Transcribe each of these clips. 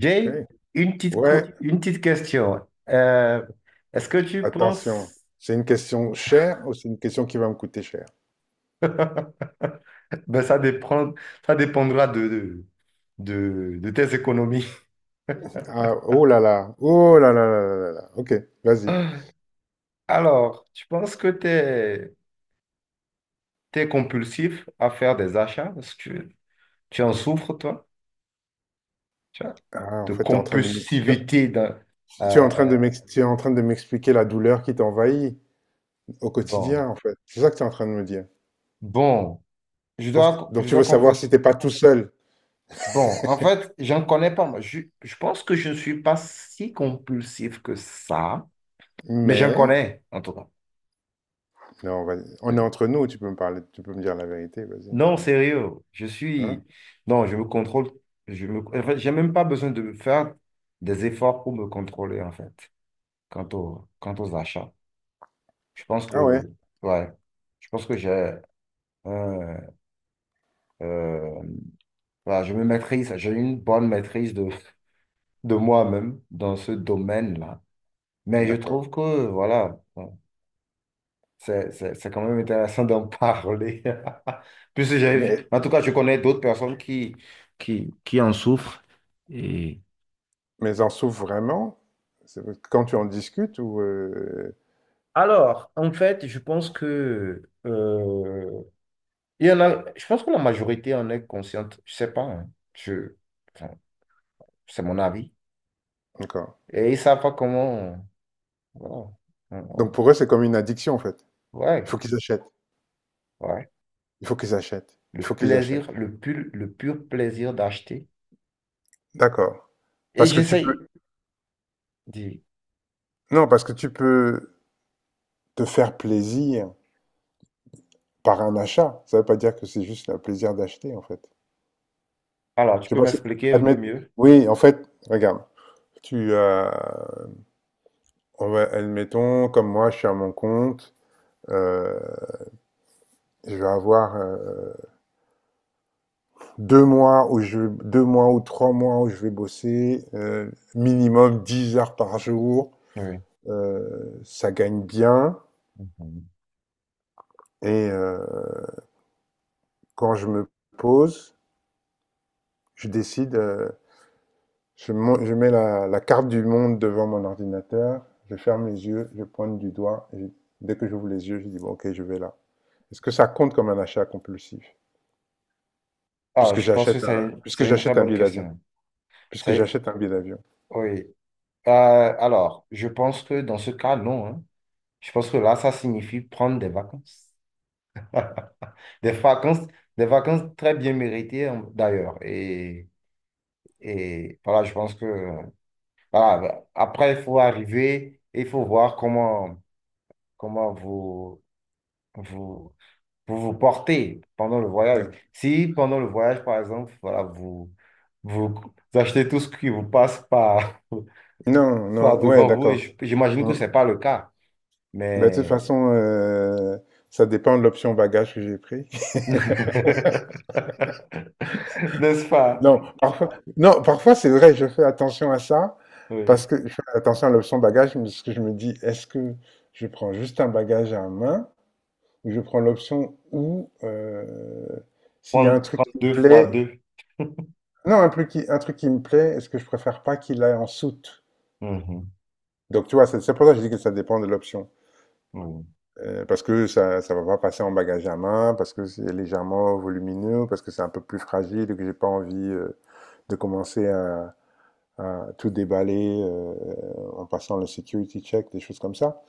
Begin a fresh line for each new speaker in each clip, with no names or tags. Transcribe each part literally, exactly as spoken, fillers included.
OK.
une petite,
Ouais,
co- une petite question. Euh, est-ce que tu penses...
attention. C'est une question chère ou c'est une question qui va me coûter cher?
Ben, ça dépend, ça dépendra de, de, de- de tes économies.
Ah, oh là là, oh là là là là là. Là. Ok, vas-y.
Alors, tu penses que tu es, compulsif à faire des achats? Est-ce que tu, tu en souffres, toi? Tu vois,
Ah, en
de
fait, tu es en train de m'ex- tu,
compulsivité dans-
tu es en train
euh, euh,
de m'ex- tu es en train de m'expliquer la douleur qui t'envahit au
bon,
quotidien, en fait. C'est ça que tu es en train de me dire.
bon, je
Pour-
dois,
Donc,
je
tu
dois
veux savoir si
confesser.
t'es pas tout seul.
Bon, en fait, j'en connais pas, moi. Je, je pense que je ne suis pas si compulsif que ça, mais j'en
Mais,
connais, en tout cas.
non, vas-y. On est entre nous, tu peux me parler, tu peux me dire la vérité, vas-y.
Non,
tu-
sérieux, je
Hein?
suis... Non, je me contrôle. Je me... En fait, j'ai même pas besoin de faire des efforts pour me contrôler, en fait, quant au... quant aux achats. Je pense que...
Ah ouais,
Ouais, je pense que j'ai... un, euh, voilà, je me maîtrise, j'ai une bonne maîtrise de, de moi-même dans ce domaine-là. Mais je
d'accord.
trouve que, voilà... bon, C'est c'est- c'est quand même intéressant d'en parler. Puisque j'ai vu.
Mais,
En tout cas, je connais d'autres personnes qui, qui, qui en souffrent. Et...
mais en souffre vraiment? C'est- Quand tu en discutes ou… euh,
Alors, en fait, je pense que euh, il y en a, je pense que la majorité en est consciente. Je sais pas, hein. Je, enfin, c'est mon avis.
D'accord.
Et ils savent pas comment. Voilà. On-
Donc
on-
pour eux, c'est comme une addiction en fait.
Ouais,
Il faut qu'ils achètent,
ouais.
il faut qu'ils achètent,
Le
il faut qu'ils
plaisir,
achètent.
le pur, le pur plaisir d'acheter.
D'accord.
Et
Parce que tu peux...
j'essaye. d'y-
Non, parce que tu peux te faire plaisir par un achat. Ça veut pas dire que c'est juste le plaisir d'acheter en fait.
Alors, tu
Je sais
peux
pas si...
m'expliquer un peu
Admettre...
mieux?
Oui, en fait, regarde. Tu, euh, on va- admettons, comme moi, je suis à mon compte. euh, je vais avoir euh, deux mois où je, deux mois ou trois mois où je vais bosser euh, minimum dix heures par jour.
Oui.
Euh, ça gagne bien.
Mhm.
Et euh, quand je me pose, je décide, euh, je, mon- je mets la, la carte du monde devant mon ordinateur, je ferme les yeux, je pointe du doigt, et dès que j'ouvre les yeux, je dis, bon, ok, je vais là. Est-ce que ça compte comme un achat compulsif?
Ah,
Puisque
je pense que
j'achète un,
c'est
puisque
c'est une très
j'achète un
bonne
billet d'avion.
question.
Puisque
C'est,
j'achète un billet d'avion.
oui. Euh, alors, je pense que dans ce cas, non, hein. Je pense que là, ça signifie prendre des vacances. Des vacances, des vacances très bien méritées, hein, d'ailleurs. Et, et voilà, je pense que euh, voilà, après, il faut arriver et il faut voir comment, comment vous, vous, vous vous portez pendant le voyage.
Ouais.
Si pendant le voyage, par exemple, voilà, vous, vous achetez tout ce qui vous passe par.
Non, non,
par
ouais,
devant vous et je-
d'accord.
j'imagine que ce
Hum.
n'est pas le cas,
Bah, de toute
mais
façon, euh, ça dépend de l'option bagage que j'ai pris.
n'est-ce pas?
Non, parfois, non, parfois c'est vrai, je fais attention à ça, parce
Oui.
que je fais attention à l'option bagage, parce que je me dis, est-ce que je prends juste un bagage à main, ou je prends l'option où, euh, s'il y a un
Prendre,
truc
prendre
qui me
deux fois
plaît,
deux.
non, un truc qui, un truc qui me plaît, est-ce que je préfère pas qu'il aille en soute?
Mhm.
Donc tu vois, c'est c'est pour ça que je dis que ça dépend de l'option.
Oui.
Euh, parce que ça ça va pas passer en bagage à main, parce que c'est légèrement volumineux, parce que c'est un peu plus fragile et que j'ai pas envie euh, de commencer à tout déballer euh, en passant le security check, des choses comme ça.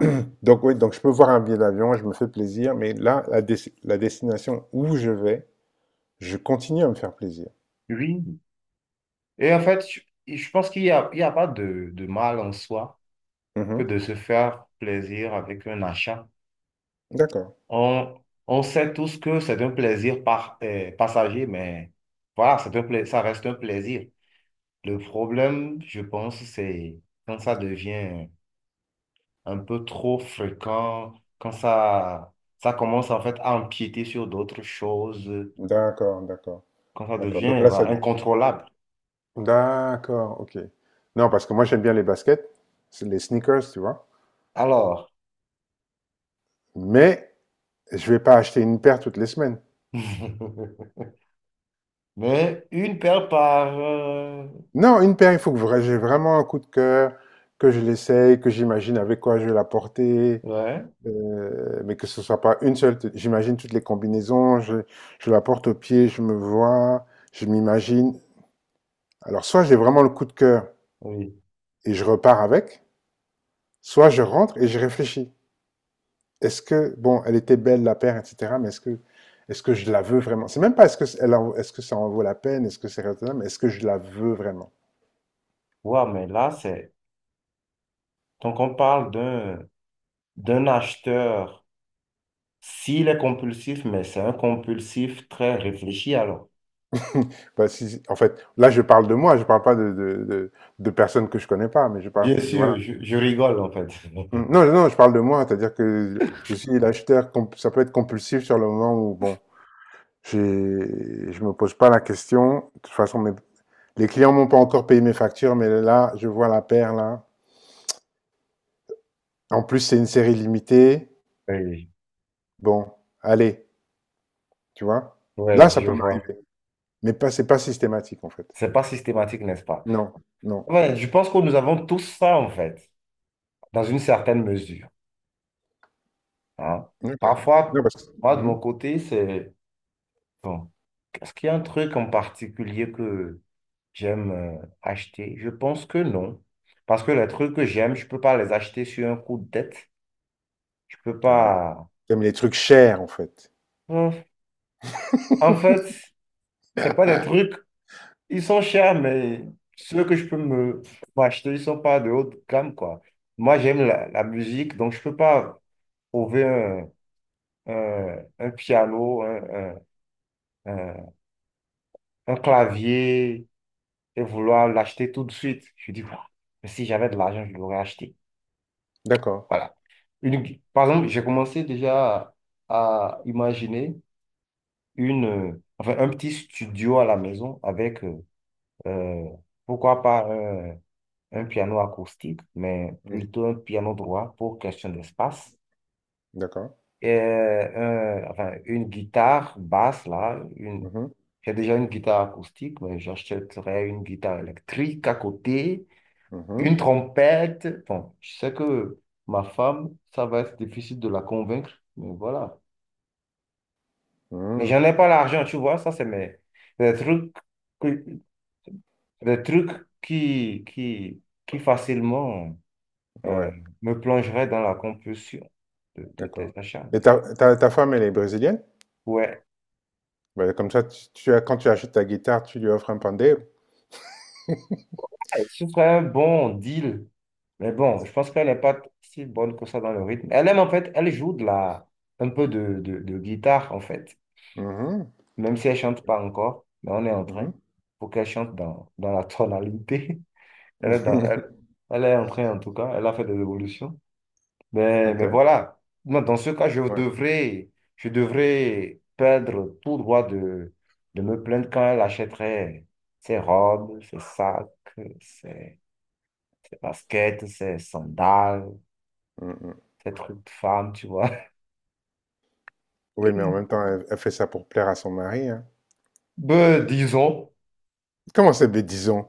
Donc oui, donc je peux voir un billet d'avion, je me fais plaisir, mais là, la, des- la destination où je vais, je continue à me faire plaisir.
Oui. Et en fait, je, je pense qu'il n'y a, il y a pas de, de mal en soi que
Mhm.
de se faire plaisir avec un achat.
D'accord,
On, on sait tous que c'est un plaisir par, euh, passager, mais voilà, c'est un pla- ça reste un plaisir. Le problème, je pense, c'est quand ça devient un peu trop fréquent, quand ça, ça commence en fait à empiéter sur d'autres choses,
d'accord, d'accord,
quand ça
d'accord. Donc
devient
là, ça…
voilà, incontrôlable.
D'accord, ok. Non, parce que moi, j'aime bien les baskets, c'est les sneakers, tu vois.
Alors,
Mais je vais pas acheter une paire toutes les semaines.
mais une paire par... euh,
Non, une paire, il faut que vra- j'ai vraiment un coup de cœur, que je l'essaye, que j'imagine avec quoi je vais la porter,
ouais,
Euh, mais que ce soit pas une seule. J'imagine toutes les combinaisons, je, je la porte au pied, je me vois, je m'imagine. Alors, soit j'ai vraiment le coup de cœur
oui.
et je repars avec, soit je rentre et je réfléchis. Est-ce que, bon, elle était belle, la paire, et cetera, mais est-ce que, est-ce que je la veux vraiment? C'est même pas est-ce que, elle en- est-ce que ça en vaut la peine, est-ce que c'est raisonnable, est-ce que je la veux vraiment?
Ouais, mais là, c'est... Donc, on parle d'un d'un acheteur, s'il est compulsif, mais c'est un compulsif très réfléchi, alors.
Bah, si- en fait, là, je parle de moi, je parle pas de, de, de, de personnes que je connais pas, mais je parle,
Bien
voilà.
sûr, je, je rigole, en fait.
Mm. Non, non, je parle de moi, c'est-à-dire que je suis l'acheteur, comp- ça peut être compulsif sur le moment où, bon, j'ai- je me pose pas la question. De toute façon, mes- les clients m'ont pas encore payé mes factures, mais là, je vois la paire, là. En plus, c'est une série limitée.
Oui,
Bon, allez, tu vois. Là,
ouais,
ça
je
peut
vois.
m'arriver, mais pas, c'est pas systématique, en fait.
C'est pas systématique, n'est-ce pas?
Non, non.
Ouais, je pense que nous avons tous ça, en fait, dans une certaine mesure, hein.
Ok.
Parfois,
Non, parce que,
moi, de mon
mhm.
côté, c'est... Bon, est-ce qu'il y a un truc en particulier que j'aime euh, acheter? Je pense que non. Parce que les trucs que j'aime, je peux pas les acheter sur un coup de tête. Je peux
Ah,
pas...
t'aimes les trucs chers, en fait.
Hum. En fait, c'est pas des trucs... Ils sont chers, mais ceux que je peux me m'acheter, ils sont pas de haute gamme, quoi. Moi, j'aime la, la musique, donc je peux pas trouver un, un piano, un, un- un- un clavier et vouloir l'acheter tout de suite. Je dis, ah, mais si j'avais de l'argent, je l'aurais acheté.
D'accord.
Voilà. Une, Par exemple, j'ai commencé déjà à, à imaginer une, euh, enfin, un petit studio à la maison avec, euh, euh, pourquoi pas, un, un piano acoustique, mais
Mm.
plutôt un piano droit pour question d'espace
D'accord.
et un- enfin, une guitare basse, là. Une...
Mhm.
J'ai déjà une guitare acoustique, mais j'achèterais une guitare électrique à côté,
Mhm.
une trompette. Bon, je sais que ma femme, ça va être difficile de la convaincre, mais voilà. Mais
Mhm.
j'en ai pas l'argent, tu vois, ça, c'est mes... des trucs, que- des trucs qui, qui, qui facilement euh,
Ouais.
me plongeraient dans la compulsion de, de tes
D'accord.
achats.
Et
mais
ta, ta- ta femme, elle est brésilienne?
Ouais,
Bah comme ça, tu, tu as- quand tu achètes ta guitare, tu lui offres un pandeiro.
ce serait un bon deal. Mais bon, je pense qu'elle n'est pas si bonne que ça dans le rythme. Elle aime en fait, elle joue de la, un peu de, de, de guitare en fait,
Mhm,
même si elle chante pas encore, mais on est en train
mhm.
pour qu'elle chante dans, dans la tonalité. Elle est dans, elle, elle est en train en tout cas, elle a fait des évolutions. Mais,
Ok,
mais voilà. Moi, dans ce cas, je
ouais.
devrais, je devrais perdre tout droit de, de me plaindre quand elle achèterait ses robes, ses sacs, ses, ses baskets, ses sandales.
Mhm.
Ces truc de femmes, tu vois.
Oui, mais en même temps, elle, elle fait ça pour plaire à son mari, hein.
Ben, disons,
Comment c'est bêtison?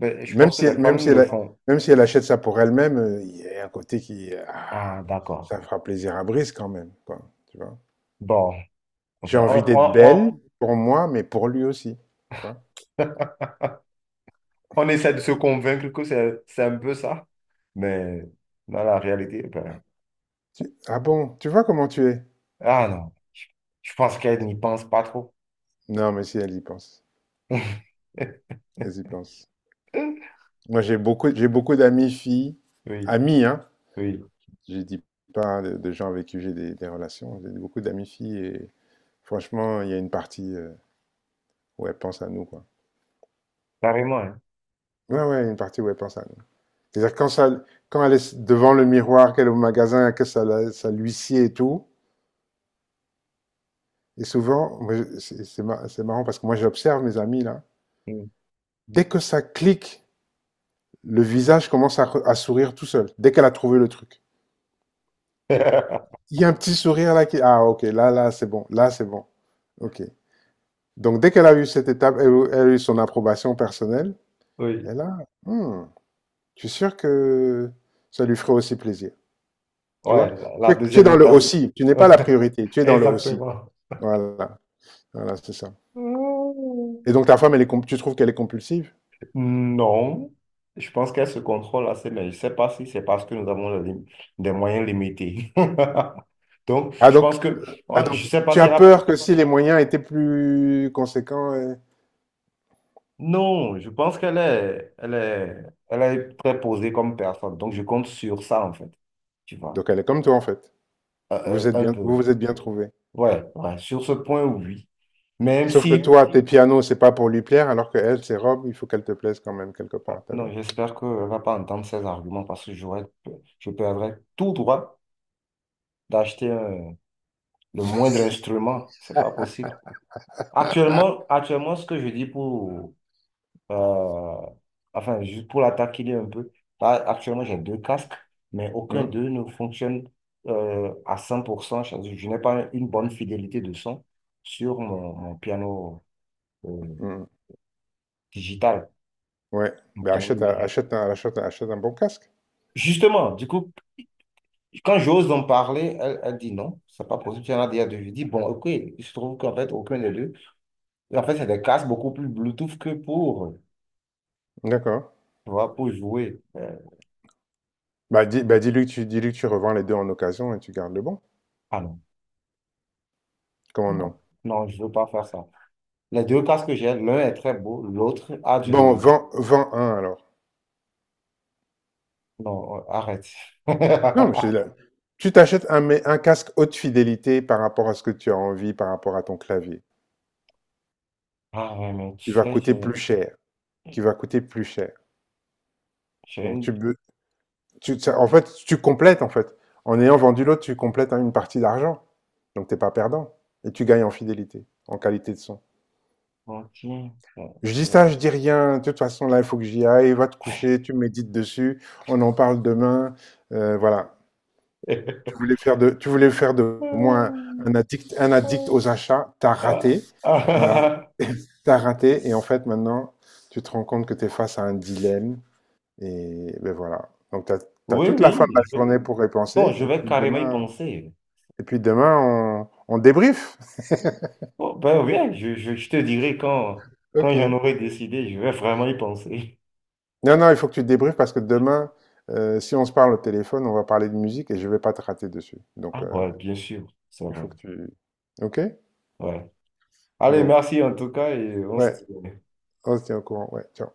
ben, je
Même
pense que
si,
les
même
femmes
si
le
elle,
font.
même si elle achète ça pour elle-même, euh, il y a un côté qui, ah,
Ah, d'accord.
ça fera plaisir à Brice quand même, quoi, tu vois.
Bon,
J'ai
enfin, on,
envie d'être
on,
belle
on,
pour moi, mais pour lui aussi, tu vois.
on essaie de se convaincre que c'est, c'est un peu ça, mais dans la réalité, ben,
Tu- ah bon, tu vois comment tu es?
ah non, je, je pense qu'elles n'y pensent pas trop.
Non, mais si, elle y pense. Elle y pense. Moi, j'ai beaucoup, j'ai beaucoup d'amis filles,
Oui,
amis, hein.
oui,
Je dis pas de, de gens avec qui j'ai des, des relations. J'ai beaucoup d'amis filles et franchement, il y a une partie euh, où elles pensent à nous, quoi.
carrément, hein.
Ouais, ouais, une partie où elles pensent à nous. C'est-à-dire quand ça, quand elle est devant le miroir, qu'elle est au magasin, que ça, la- ça l'huissier et tout. Et souvent, moi, je- c'est c'est mar- c'est marrant parce que moi, j'observe mes amis là.
Mm.
Dès que ça clique, le visage commence à, re- à sourire tout seul. Dès qu'elle a trouvé le truc, il y a un petit sourire là qui, ah, ok, là, là, c'est bon, là, c'est bon, ok. Donc, dès qu'elle a eu cette étape, elle, elle a eu son approbation personnelle.
Oui,
Elle a, hmm, je suis sûr que ça lui ferait aussi plaisir. Tu
ouais,
vois?
la,
Tu
la
es, tu es
deuxième
dans le
étape.
aussi. Tu n'es pas la priorité. Tu es dans le aussi.
Exactement.
Voilà. Voilà, c'est ça. Et donc, ta femme, elle est, comp- tu trouves qu'elle est compulsive?
Non, je pense qu'elle se contrôle assez, mais je ne sais pas si c'est parce que nous avons des lim- des moyens limités. Donc,
Ah
je
donc,
pense que,
ah
ouais, je
donc,
ne sais pas
tu
si
as
elle a...
peur que si les moyens étaient plus conséquents, euh,
Non, je pense qu'elle est, elle est, elle est très posée comme personne. Donc, je compte sur ça, en fait, tu vois.
donc elle est comme toi en fait.
Euh,
Vous
euh,
êtes
un
bien, vous
peu.
vous êtes bien trouvé.
Ouais, ouais, sur ce point, oui. Même
Sauf que
si,
toi, tes pianos, c'est pas pour lui plaire, alors que elle, ses robes, il faut qu'elle te plaise quand même quelque
bon,
part. T'as vu?
non, j'espère qu'elle ne va pas entendre ces arguments parce que j'aurais, je perdrais tout droit d'acheter un- le moindre instrument. C'est pas possible. Actuellement, actuellement, ce que je dis pour, euh, enfin, juste pour la taquiner un peu, là, actuellement, j'ai deux casques, mais aucun
Hum,
d'eux ne fonctionne euh, à cent pour cent. Je, je n'ai pas une bonne fidélité de son sur mon, mon piano euh,
hum.
digital,
Ouais.
mon
Ben
piano
achète, un-
numérique.
achète, un- achète, un- achète un bon casque.
Justement, du coup, quand j'ose en parler, elle, elle dit non, c'est pas possible. J'en ai déjà deux. Je dis, bon, ok, il se trouve qu'en fait, aucun des deux. Et en fait, c'est des casques beaucoup plus Bluetooth que pour,
D'accord.
tu vois, pour jouer. Euh,
Bah, dis, bah dis-lui que tu, dis-lui que tu revends les deux en occasion et tu gardes le bon.
ah non.
Comment
Non,
non?
non, je veux pas faire ça. Les deux casques que j'ai, l'un est très beau, l'autre a
Bon,
du...
vends, vends un alors.
Non, euh, arrête.
Non, mais c'est la- tu t'achètes un, mais un casque haute fidélité par rapport à ce que tu as envie, par rapport à ton clavier,
Ah ouais, mais tu
qui va
sais,
coûter
j'ai
plus cher, qui va coûter plus cher.
j'ai
Donc tu,
une
be- tu, ça- en fait, tu complètes, en fait. En ayant vendu l'autre, tu complètes hein, une partie d'argent. Donc, t'es pas perdant. Et tu gagnes en fidélité, en qualité de son.
lentille.
Je dis ça, je dis rien. De toute façon, là, il faut que j'y aille. Va te coucher, tu médites dessus. On en parle demain. Euh, voilà. Tu voulais faire de, tu voulais faire de moi un, un addict, un addict aux achats. T'as
Ah,
raté. Voilà.
ah,
T'as raté. Et en fait, maintenant, tu te rends compte que t'es face à un dilemme. Et ben voilà. Donc, t'as, t'as
Oui,
toute la fin de la
oui. je
journée
vais-
pour y
Non,
penser.
je
Et
vais
puis
carrément y
demain,
penser.
Et puis demain, on, on débrief.
Oh, ben oui, je, je, je te dirai quand, quand
Ok.
j'en aurai décidé, je vais vraiment y penser.
Non, non, il faut que tu débriefes parce que demain, euh, si on se parle au téléphone, on va parler de musique et je vais pas te rater dessus. Donc,
Ah
euh,
ouais, bien sûr, c'est
il faut
vrai.
que tu... Ok?
Ouais. Allez,
Bon.
merci en tout cas et on se
Ouais,
tient.
on se tient au courant. Ouais, ciao.